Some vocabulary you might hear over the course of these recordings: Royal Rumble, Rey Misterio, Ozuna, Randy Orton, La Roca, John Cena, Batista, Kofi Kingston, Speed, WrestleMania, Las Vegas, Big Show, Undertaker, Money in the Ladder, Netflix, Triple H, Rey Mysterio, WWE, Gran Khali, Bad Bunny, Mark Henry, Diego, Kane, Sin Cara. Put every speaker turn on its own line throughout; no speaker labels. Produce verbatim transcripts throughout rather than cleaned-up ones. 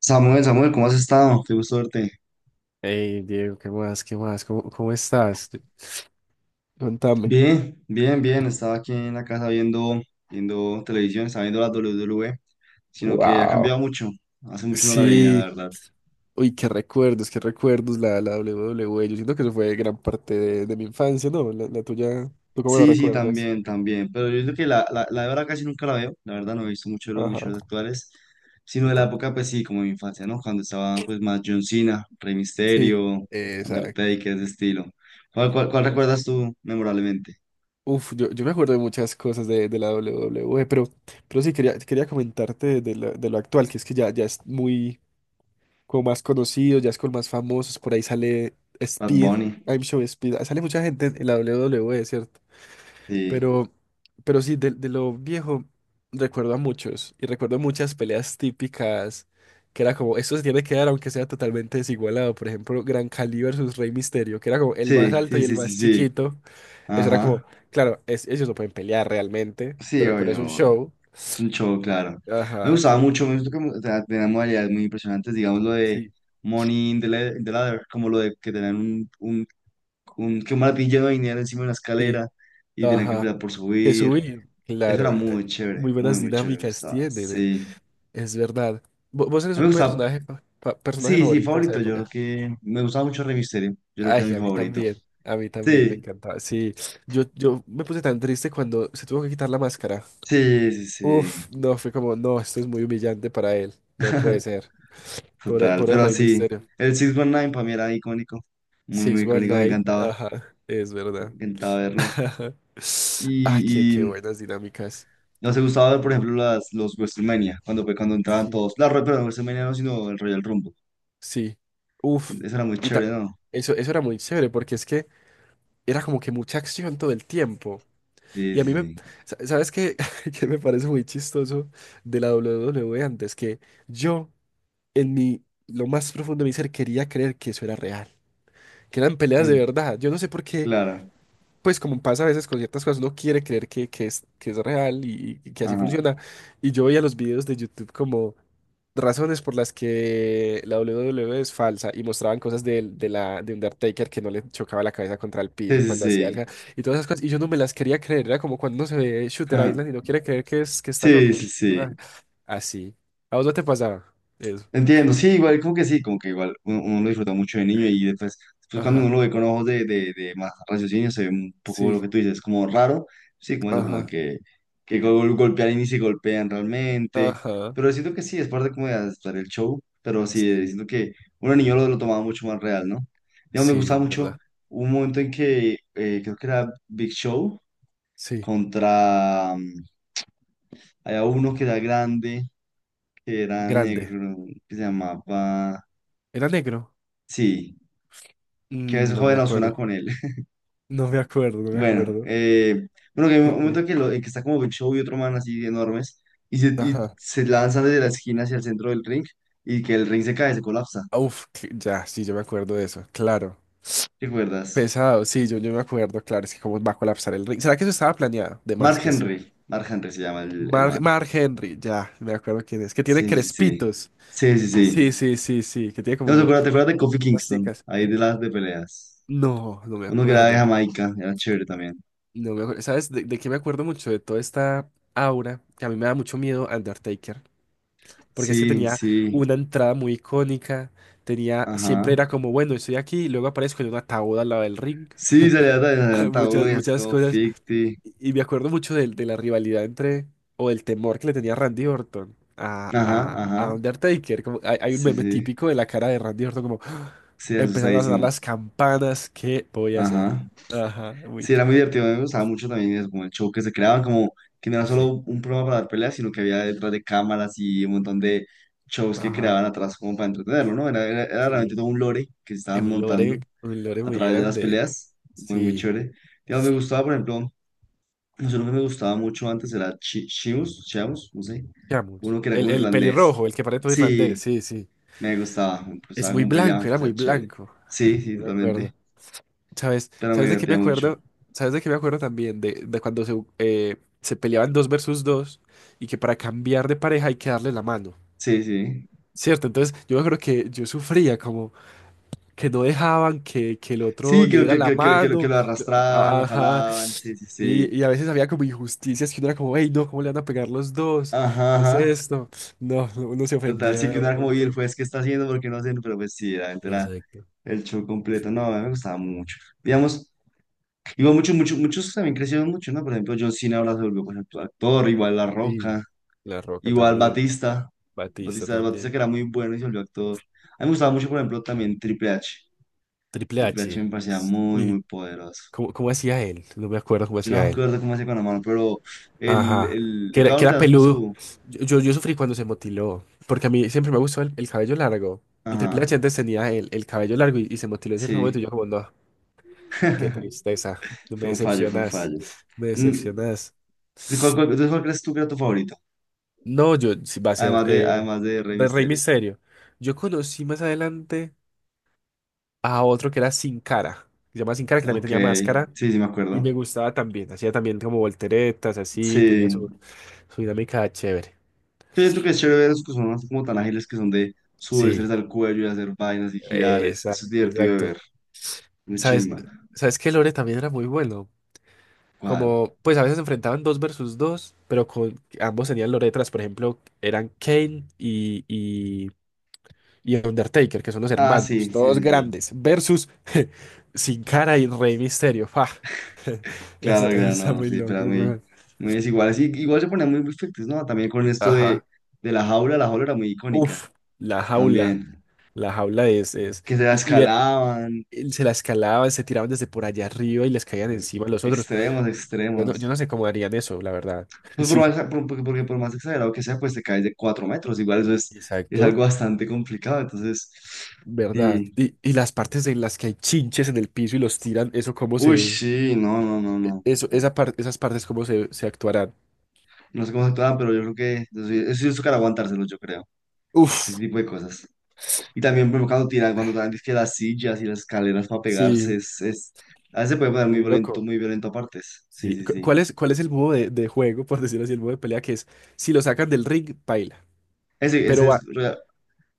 Samuel, Samuel, ¿cómo has estado? Qué gusto verte.
Hey, Diego, ¿qué más? ¿Qué más? ¿Cómo, cómo estás? Contame.
Bien, bien, bien. Estaba aquí en la casa viendo, viendo televisión, estaba viendo la doble u doble u e, sino que ha cambiado
Wow.
mucho. Hace mucho no la veía, la
Sí,
verdad.
uy, qué recuerdos, qué recuerdos la, la doble u doble u e. Yo siento que eso fue gran parte de, de mi infancia, ¿no? La, la tuya, ¿tú cómo la
Sí, sí,
recuerdas?
también, también. Pero yo creo que la, la, la de ahora casi nunca la veo. La verdad, no he visto mucho de los
Ajá.
luchadores actuales, sino
Yo
de la
tampoco.
época, pues sí, como de mi infancia, ¿no? Cuando estaba pues más John Cena, Rey
Sí,
Mysterio,
exacto.
Undertaker, ese estilo. ¿Cuál, cuál, cuál
Es-
recuerdas tú memorablemente?
Uf, yo, yo me acuerdo de muchas cosas de, de la doble u doble u e, pero, pero sí, quería, quería comentarte de, lo de lo actual, que es que ya, ya es muy, con más conocidos, ya es con más famosos, por ahí sale
Bad
Speed,
Bunny.
I'm Show Speed, ah, sale mucha gente en la doble u doble u e, ¿cierto?
Sí,
Pero, pero sí, de, de lo viejo recuerdo a muchos y recuerdo muchas peleas típicas que era como, esto se tiene que dar aunque sea totalmente desigualado, por ejemplo, Gran Khali versus Rey Misterio, que era como el más
sí,
alto
sí,
y el
sí, sí,
más
sí.
chiquito. Eso era como,
Ajá.
claro, es- ellos no pueden pelear realmente,
Sí,
pero, pero es
obvio,
un
obvio.
show,
Es un show, claro. Me
ajá,
gustaba
pero
mucho,
muy-
me gustó que, o sea, tenía modalidades muy impresionantes, digamos lo de
Sí.
Money in the, la- in the Ladder, como lo de que tenían un, un, un, que un maletín lleno de dinero encima de una
Sí.
escalera y tenían que
Ajá.
pelear por
Que
subir.
subir,
Eso era
claro. eh,
muy chévere,
Muy
muy,
buenas
muy chévere, me
dinámicas
gustaba.
tienen. eh,
Sí.
Es verdad. Vo- Vos eres
A mí me
un
gustaba,
personaje, fa- fa- personaje
sí, sí,
favorito de esa
favorito, yo creo
época.
que me gustaba mucho Rey Misterio, yo creo que
Ay,
era mi
a mí
favorito.
también. A mí también me
Sí,
encantaba. Sí, yo, yo me puse tan triste cuando se tuvo que quitar la máscara.
sí, sí,
Uf,
sí.
no, fue como, no, esto es muy humillante para él. No puede ser. Por el,
Total,
por el
pero
Rey
sí,
Misterio.
el seis diecinueve para mí era icónico, muy, muy
Six One
icónico, me
Night.
encantaba,
Ajá, es
me
verdad.
encantaba verlo.
Ah, qué,
Y,
qué
y
buenas dinámicas.
no se gustaba ver, por ejemplo, las, los WrestleMania, cuando, fue- cuando entraban
Sí.
todos. La, Ro- perdón, WrestleMania no, sino el Royal Rumble.
Sí.
Que
Uf.
Eso era muy
Y
chévere,
ta-
¿no?
Eso, eso era muy chévere porque es que era como que mucha acción todo el tiempo.
Sí,
Y a
sí,
mí me...
sí.
sa- ¿Sabes qué? Que me parece muy chistoso de la doble u doble u e antes. Que yo, en mi... Lo más profundo de mi ser, quería creer que eso era real. Que eran peleas de
Mm.
verdad. Yo no sé por qué,
Claro.
pues como pasa a veces con ciertas cosas, uno quiere creer que, que es, que es real y, y que así
Ajá.
funciona. Y yo veía los videos de YouTube como razones por las que la doble u doble u e es falsa y mostraban cosas de de, la, de Undertaker, que no le chocaba la cabeza contra el
Sí,
piso
sí,
cuando hacía
sí.
algo y todas esas cosas. Y yo no me las quería creer, era como cuando uno se ve Shooter
Ajá.
Island y no quiere creer que, es, que está
Sí,
loco.
sí,
Ah,
sí.
así. ¿A vos no te pasaba eso?
Entiendo, sí, igual, como que sí, como que igual uno, uno lo disfruta mucho de niño y después, después cuando uno
Ajá.
lo ve con ojos de, de, de más raciocinio, se ve un poco lo
Sí.
que tú dices, como raro, sí, como eso, como
Ajá.
que, que gol- golpean y ni se golpean realmente,
Ajá.
pero siento que sí, es parte como de hacer el show, pero sí, eh,
Sí.
siento que uno de niño lo, lo tomaba mucho más real, ¿no? Digamos, me
Sí,
gustaba
es
mucho
verdad.
un momento en que eh, creo que era Big Show
Sí.
contra, mm, había uno que era grande, que eran
Grande.
negro, que se llamaba...
Era negro.
Sí, que a
Mm,
veces
no me
joden a Ozuna
acuerdo.
con él.
No me acuerdo, no me
Bueno,
acuerdo.
eh, bueno, que hay un
Ok.
momento que, lo, en que está como Big Show y otro man así enormes y se, y
Ajá.
se lanzan desde la esquina hacia el centro del ring y que el ring se cae, se colapsa.
Uf, que- ya, sí, yo me acuerdo de eso, claro.
¿Te acuerdas?
Pesado, sí, yo, yo me acuerdo, claro, es que cómo va a colapsar el ring. ¿Será que eso estaba planeado? De más
Mark
que sí.
Henry. Mark Henry se llama el, el
Mar,
man.
Mark Henry, ya, me acuerdo quién es. Que tiene
Sí, sí, sí.
crespitos.
Sí, sí, sí.
Sí, sí, sí, sí, que tiene
No, ¿te
como
acuerdas, te acuerdas de Kofi Kingston?
rasticas.
Ahí de las de peleas.
No, no me
Uno que era de
acuerdo.
Jamaica, era chévere también.
No me acuerdo. ¿Sabes de, de qué me acuerdo mucho? De toda esta aura, que a mí me da mucho miedo Undertaker. Porque es que
Sí,
tenía
sí.
una entrada muy icónica, tenía, siempre
Ajá.
era como, bueno, estoy aquí, y luego aparezco en un ataúd al lado del ring.
Sí, salía de adelantado,
Muchas,
y así
muchas
todo
cosas,
ficti.
y y me acuerdo mucho de, de la rivalidad entre, o del temor que le tenía Randy Orton a,
Ajá,
a, a
ajá.
Undertaker. Como, hay, hay un
Sí,
meme
sí.
típico de la cara de Randy Orton, como,
Sí,
empezaron a sonar
asustadísimo.
las campanas, ¿qué voy a hacer?
Ajá.
Ajá, muy
Sí, era
útil.
muy divertido, me gustaba mucho también eso, como el show que se creaban, como que no era
Sí,
solo un programa para dar peleas, sino que había detrás de cámaras y un montón de shows que
ajá,
creaban atrás como para entretenerlo, ¿no? Era, era, era realmente
sí,
todo un lore que se
es
estaban
un lore,
montando
un lore
a
muy
través de las
grande,
peleas, muy, muy
sí.
chévere. Digamos, me gustaba, por ejemplo, no sé, uno que me gustaba mucho antes era Chi- Chimus, Chiamus, no sé,
Seamos.
uno que era
El,
como
el
irlandés.
pelirrojo, el que parece todo irlandés,
Sí,
sí, sí.
me gustaba, me
Es
gustaba
muy
como peleaban,
blanco, era
pues era
muy
chévere.
blanco.
Sí, sí,
Yo me acuerdo.
totalmente,
¿Sabes?
pero me
¿Sabes de qué me
divertía mucho.
acuerdo? ¿Sabes de qué me acuerdo también? De, de cuando se, eh, se peleaban dos versus dos y que para cambiar de pareja hay que darle la mano.
Sí, sí.
¿Cierto? Entonces yo me acuerdo que yo sufría como que no dejaban que, que el otro
Sí,
le
que,
diera
que,
la
que, que, que lo que
mano.
lo arrastraban,
a- a-
lo
Ajá.
jalaban. Sí, sí, sí.
Y, y a veces había como injusticias que uno era como, hey, no, ¿cómo le van a pegar los dos?
Ajá,
¿Qué es
ajá.
esto? No, uno se
Total, sí
ofendía
que
un
una como, y el
montón.
juez, ¿qué está haciendo? Porque no sé, pero pues sí, realmente era
Exacto.
el show completo. No, a mí me gustaba mucho. Digamos, igual muchos, muchos, muchos también crecieron mucho, ¿no? Por ejemplo, John Cena ahora se volvió pues, actu- actor, igual La
Sí.
Roca,
La Roca
igual
también.
Batista.
Batista
Batista, Batista
también.
que era muy bueno y se volvió actor. A mí me gustaba mucho, por ejemplo, también Triple H.
Triple
Triple H
H.
me parecía muy, muy
Sí.
poderoso.
¿Cómo, cómo hacía él? No me acuerdo cómo
Yo no
hacía
me
él.
acuerdo cómo se con la mano, pero el,
Ajá.
el,
Que
el
era, que era
cabrón de pues
peludo.
su...
Yo, yo, yo sufrí cuando se motiló. Porque a mí siempre me gustó el, el cabello largo. Y Triple
Ajá,
H antes tenía el, el cabello largo y, y se motiló en cierto momento.
sí.
Y yo como, no, qué tristeza. No me
Fue un fallo, fue un
decepcionas.
fallo.
No me
Mm,
decepcionas.
¿de cuál- cuál- Entonces, ¿cuál crees tú que era tu favorito?
No, yo sí va a ser
Además de,
eh,
además de Rey
de Rey
Misterio.
Misterio. Yo conocí más adelante a otro que era Sin Cara, que se llama Sin Cara, que también
Ok,
tenía máscara
sí, sí me
y me
acuerdo.
gustaba también, hacía también como volteretas, así, tenía su,
Sí.
su dinámica chévere.
Yo siento que es chévere ver esos que son así como tan ágiles que son de subirse
Sí.
al cuello y hacer vainas y girar. es- Eso es
Exacto,
divertido de
exacto.
ver. Muy
¿Sabes?
chimba.
¿Sabes que Lore también era muy bueno?
¿Cuál?
Como, pues a veces se enfrentaban dos versus dos, pero con ambos tenían loretras, por ejemplo, eran Kane y, y, y Undertaker, que son los
Ah, sí,
hermanos,
sí,
todos
sí, sí.
grandes, versus Sin Cara y Rey Misterio. ¡Fa! Eso,
Claro,
eso
claro,
está
no,
muy
sí,
loco,
pero muy,
weón.
muy desiguales. Y igual se ponían muy perfectos, ¿no? También con esto de,
Ajá.
de la jaula, la jaula era muy icónica
Uf, la jaula,
también.
la jaula es, es,
Que se la
y, y ver,
escalaban,
él se la escalaban, se tiraban desde por allá arriba y les caían
eh,
encima los otros.
extremos,
Yo no, yo
extremos.
no sé cómo harían eso, la verdad.
Pues por
Sí,
más, por- porque, porque por más exagerado que sea, pues te caes de cuatro metros. Igual eso es, es algo
exacto,
bastante complicado. Entonces,
verdad.
sí.
Y, y las partes en las que hay chinches en el piso y los tiran, eso cómo
Uy,
se,
sí, no, no, no, no. No
eso,
sé,
esa par- esas partes cómo se, se actuarán.
no sé cómo se actuaban, pero yo creo que eso, sí- eso sí es tocar aguantárselo, yo creo. Ese
Uf,
tipo de cosas. Y también, por ejemplo, cuando tiran, cuando tiran dizque las sillas y las escaleras para pegarse,
sí,
es, es, a veces se puede poner muy
muy
violento,
loco.
muy violento a partes. Sí,
Sí,
sí,
cu-
sí.
¿cuál es, cuál es el modo de, de juego, por decirlo así, el modo de pelea que es, si lo sacan del ring, paila,
Ese,
pero
ese
va,
es Royal,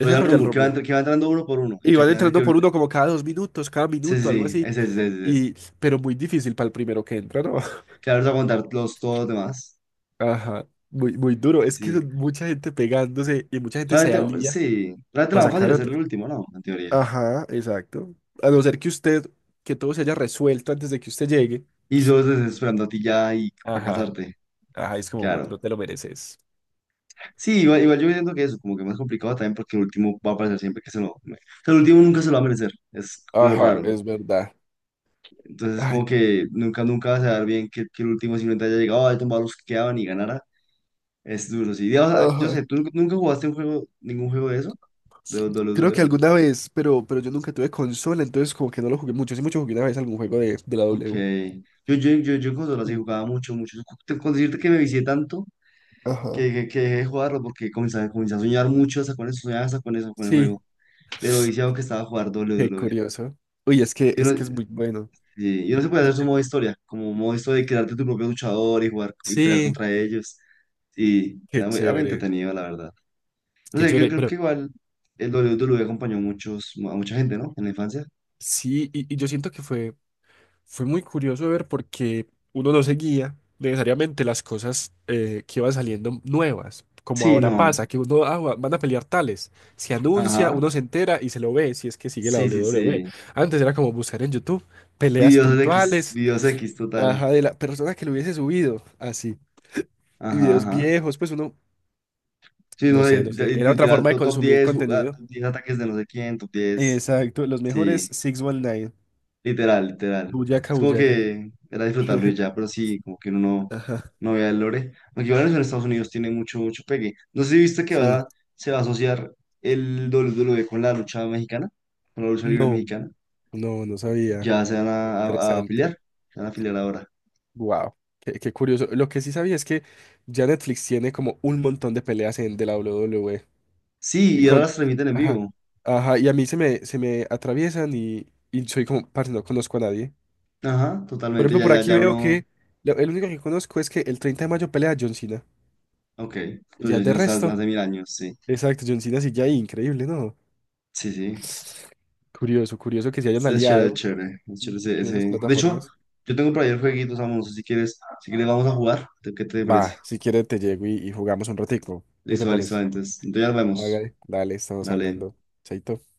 ese es
Royal
Royal
Rumble, que va,
Rumble.
entr- que va entrando uno por uno y
Y
que al
van
final es el
entrando
que...
por uno como cada dos minutos, cada
Sí, sí,
minuto, algo
sí,
así.
ese, ese, ese, ese.
Y, pero muy difícil para el primero que entra, ¿no?
Que ahora les va a contar los, todos los demás.
Ajá, muy, muy duro.
Sí,
Es que
sí.
son mucha gente pegándose y mucha gente se
Realmente,
alía
sí, realmente lo
para
más fácil
sacar
es ser
otro.
el último, ¿no? En teoría.
Ajá, exacto. A no ser que usted, que todo se haya resuelto antes de que usted llegue.
Y solo estás esperando a ti ya y para
Ajá,
casarte.
ajá, es como, bueno,
Claro.
no te lo mereces.
Sí, igual, igual yo siento que eso, como que más complicado también porque el último va a aparecer siempre que se lo... O sea, el último nunca se lo va a merecer. Es lo
Ajá,
raro.
es verdad.
Entonces,
Ay,
como que nunca, nunca vas a dar bien que, que el último simplemente haya llegado, haya tomado los que quedaban y ganara. Es duro, sí. Digamos, ah, yo
ajá.
sé, ¿tú nunca nunca jugaste un juego, ningún juego de eso? ¿De
Creo que
doble u doble u e?
alguna vez, pero, pero yo nunca tuve consola, entonces como que no lo jugué mucho. Sí, mucho jugué una vez algún juego de, de la
Ok.
W.
Yo, yo, yo, yo en consola sí
Mm.
jugaba mucho, mucho. Te- Con decirte que me vicié tanto
Ajá.
que, que, que dejé de jugarlo porque comencé, a- comencé a soñar mucho hasta con eso, soñaba hasta con eso, con el
Sí.
juego. De lo viciado que estaba a jugar
Qué
doble u doble u e.
curioso. Uy, es que
Yo
es
no,
que es muy bueno.
sí, yo no se puede
Yo
hacer su
sé-
modo historia, como modo historia de crearte tu propio luchador y jugar y pelear
Sí,
contra ellos. Sí,
qué
era muy, era muy
chévere,
entretenido, la verdad. No
qué
sé, yo
chévere,
creo que
pero
igual el doble u doble u e acompañó a muchos, a mucha gente, ¿no? En la infancia.
sí, y, y yo siento que fue, fue muy curioso ver porque uno no seguía necesariamente las cosas eh, que iban saliendo nuevas, como
Sí,
ahora
no.
pasa, que uno, ah, va- van a pelear tales, se anuncia,
Ajá.
uno se entera y se lo ve, si es que sigue la
Sí, sí,
doble u doble u e.
sí.
Antes era como buscar en YouTube peleas
Videos X,
puntuales,
videos X total.
ajá, de la persona que lo hubiese subido, así, y
Ajá,
videos
ajá.
viejos, pues uno
Sí,
no
no, y-
sé, no sé.
y-
Era otra
literal,
forma de
to- top
consumir
diez ju- ah,
contenido.
top diez ataques de no sé quién, top diez.
Exacto, los mejores
Sí,
seis diecinueve.
literal, literal.
Buyaka,
Es como
Buyaka.
que era disfrutarlo y ya, pero sí, como que uno no,
Ajá,
no vea el lore. Aunque igual eso en Estados Unidos tiene mucho, mucho pegue. No sé si viste que
sí.
ahora se va a asociar el doble u doble u e con la lucha mexicana, con la lucha libre
No,
mexicana.
no, no sabía.
Ya se van
Qué
a, a- a
interesante.
afiliar, se van a afiliar ahora.
Wow, qué, qué curioso. Lo que sí sabía es que ya Netflix tiene como un montón de peleas en de la doble u doble u e.
Sí,
Y
y ahora
con.
las transmiten en
Ajá,
vivo.
ajá. Y a mí se me, se me atraviesan y, y soy como, parce, no conozco a nadie.
Ajá,
Por
totalmente,
ejemplo,
ya,
por
ya,
aquí
ya
veo
uno.
que lo- el único que conozco es que el treinta de mayo pelea John Cena.
Ok,
Y
pero
ya
yo sí
de
no estaba desde
resto.
hace mil años, sí.
Exacto, John Cena sigue ahí, increíble, ¿no?
Sí, sí.
Curioso, curioso que se hayan
Es chévere, es
aliado.
chévere. Es
Ujú.
chévere ese,
Con esas
ese- De hecho,
plataformas.
yo tengo por ahí el jueguito, Samu, no sé si quieres, si quieres vamos a jugar. ¿Qué te parece?
Va, si quieres te llego y, y jugamos un ratico. ¿Qué te
Listo, listo,
parece?
entonces. Entonces ya nos vemos.
Hágale. Dale, estamos
Dale.
hablando. Chaito.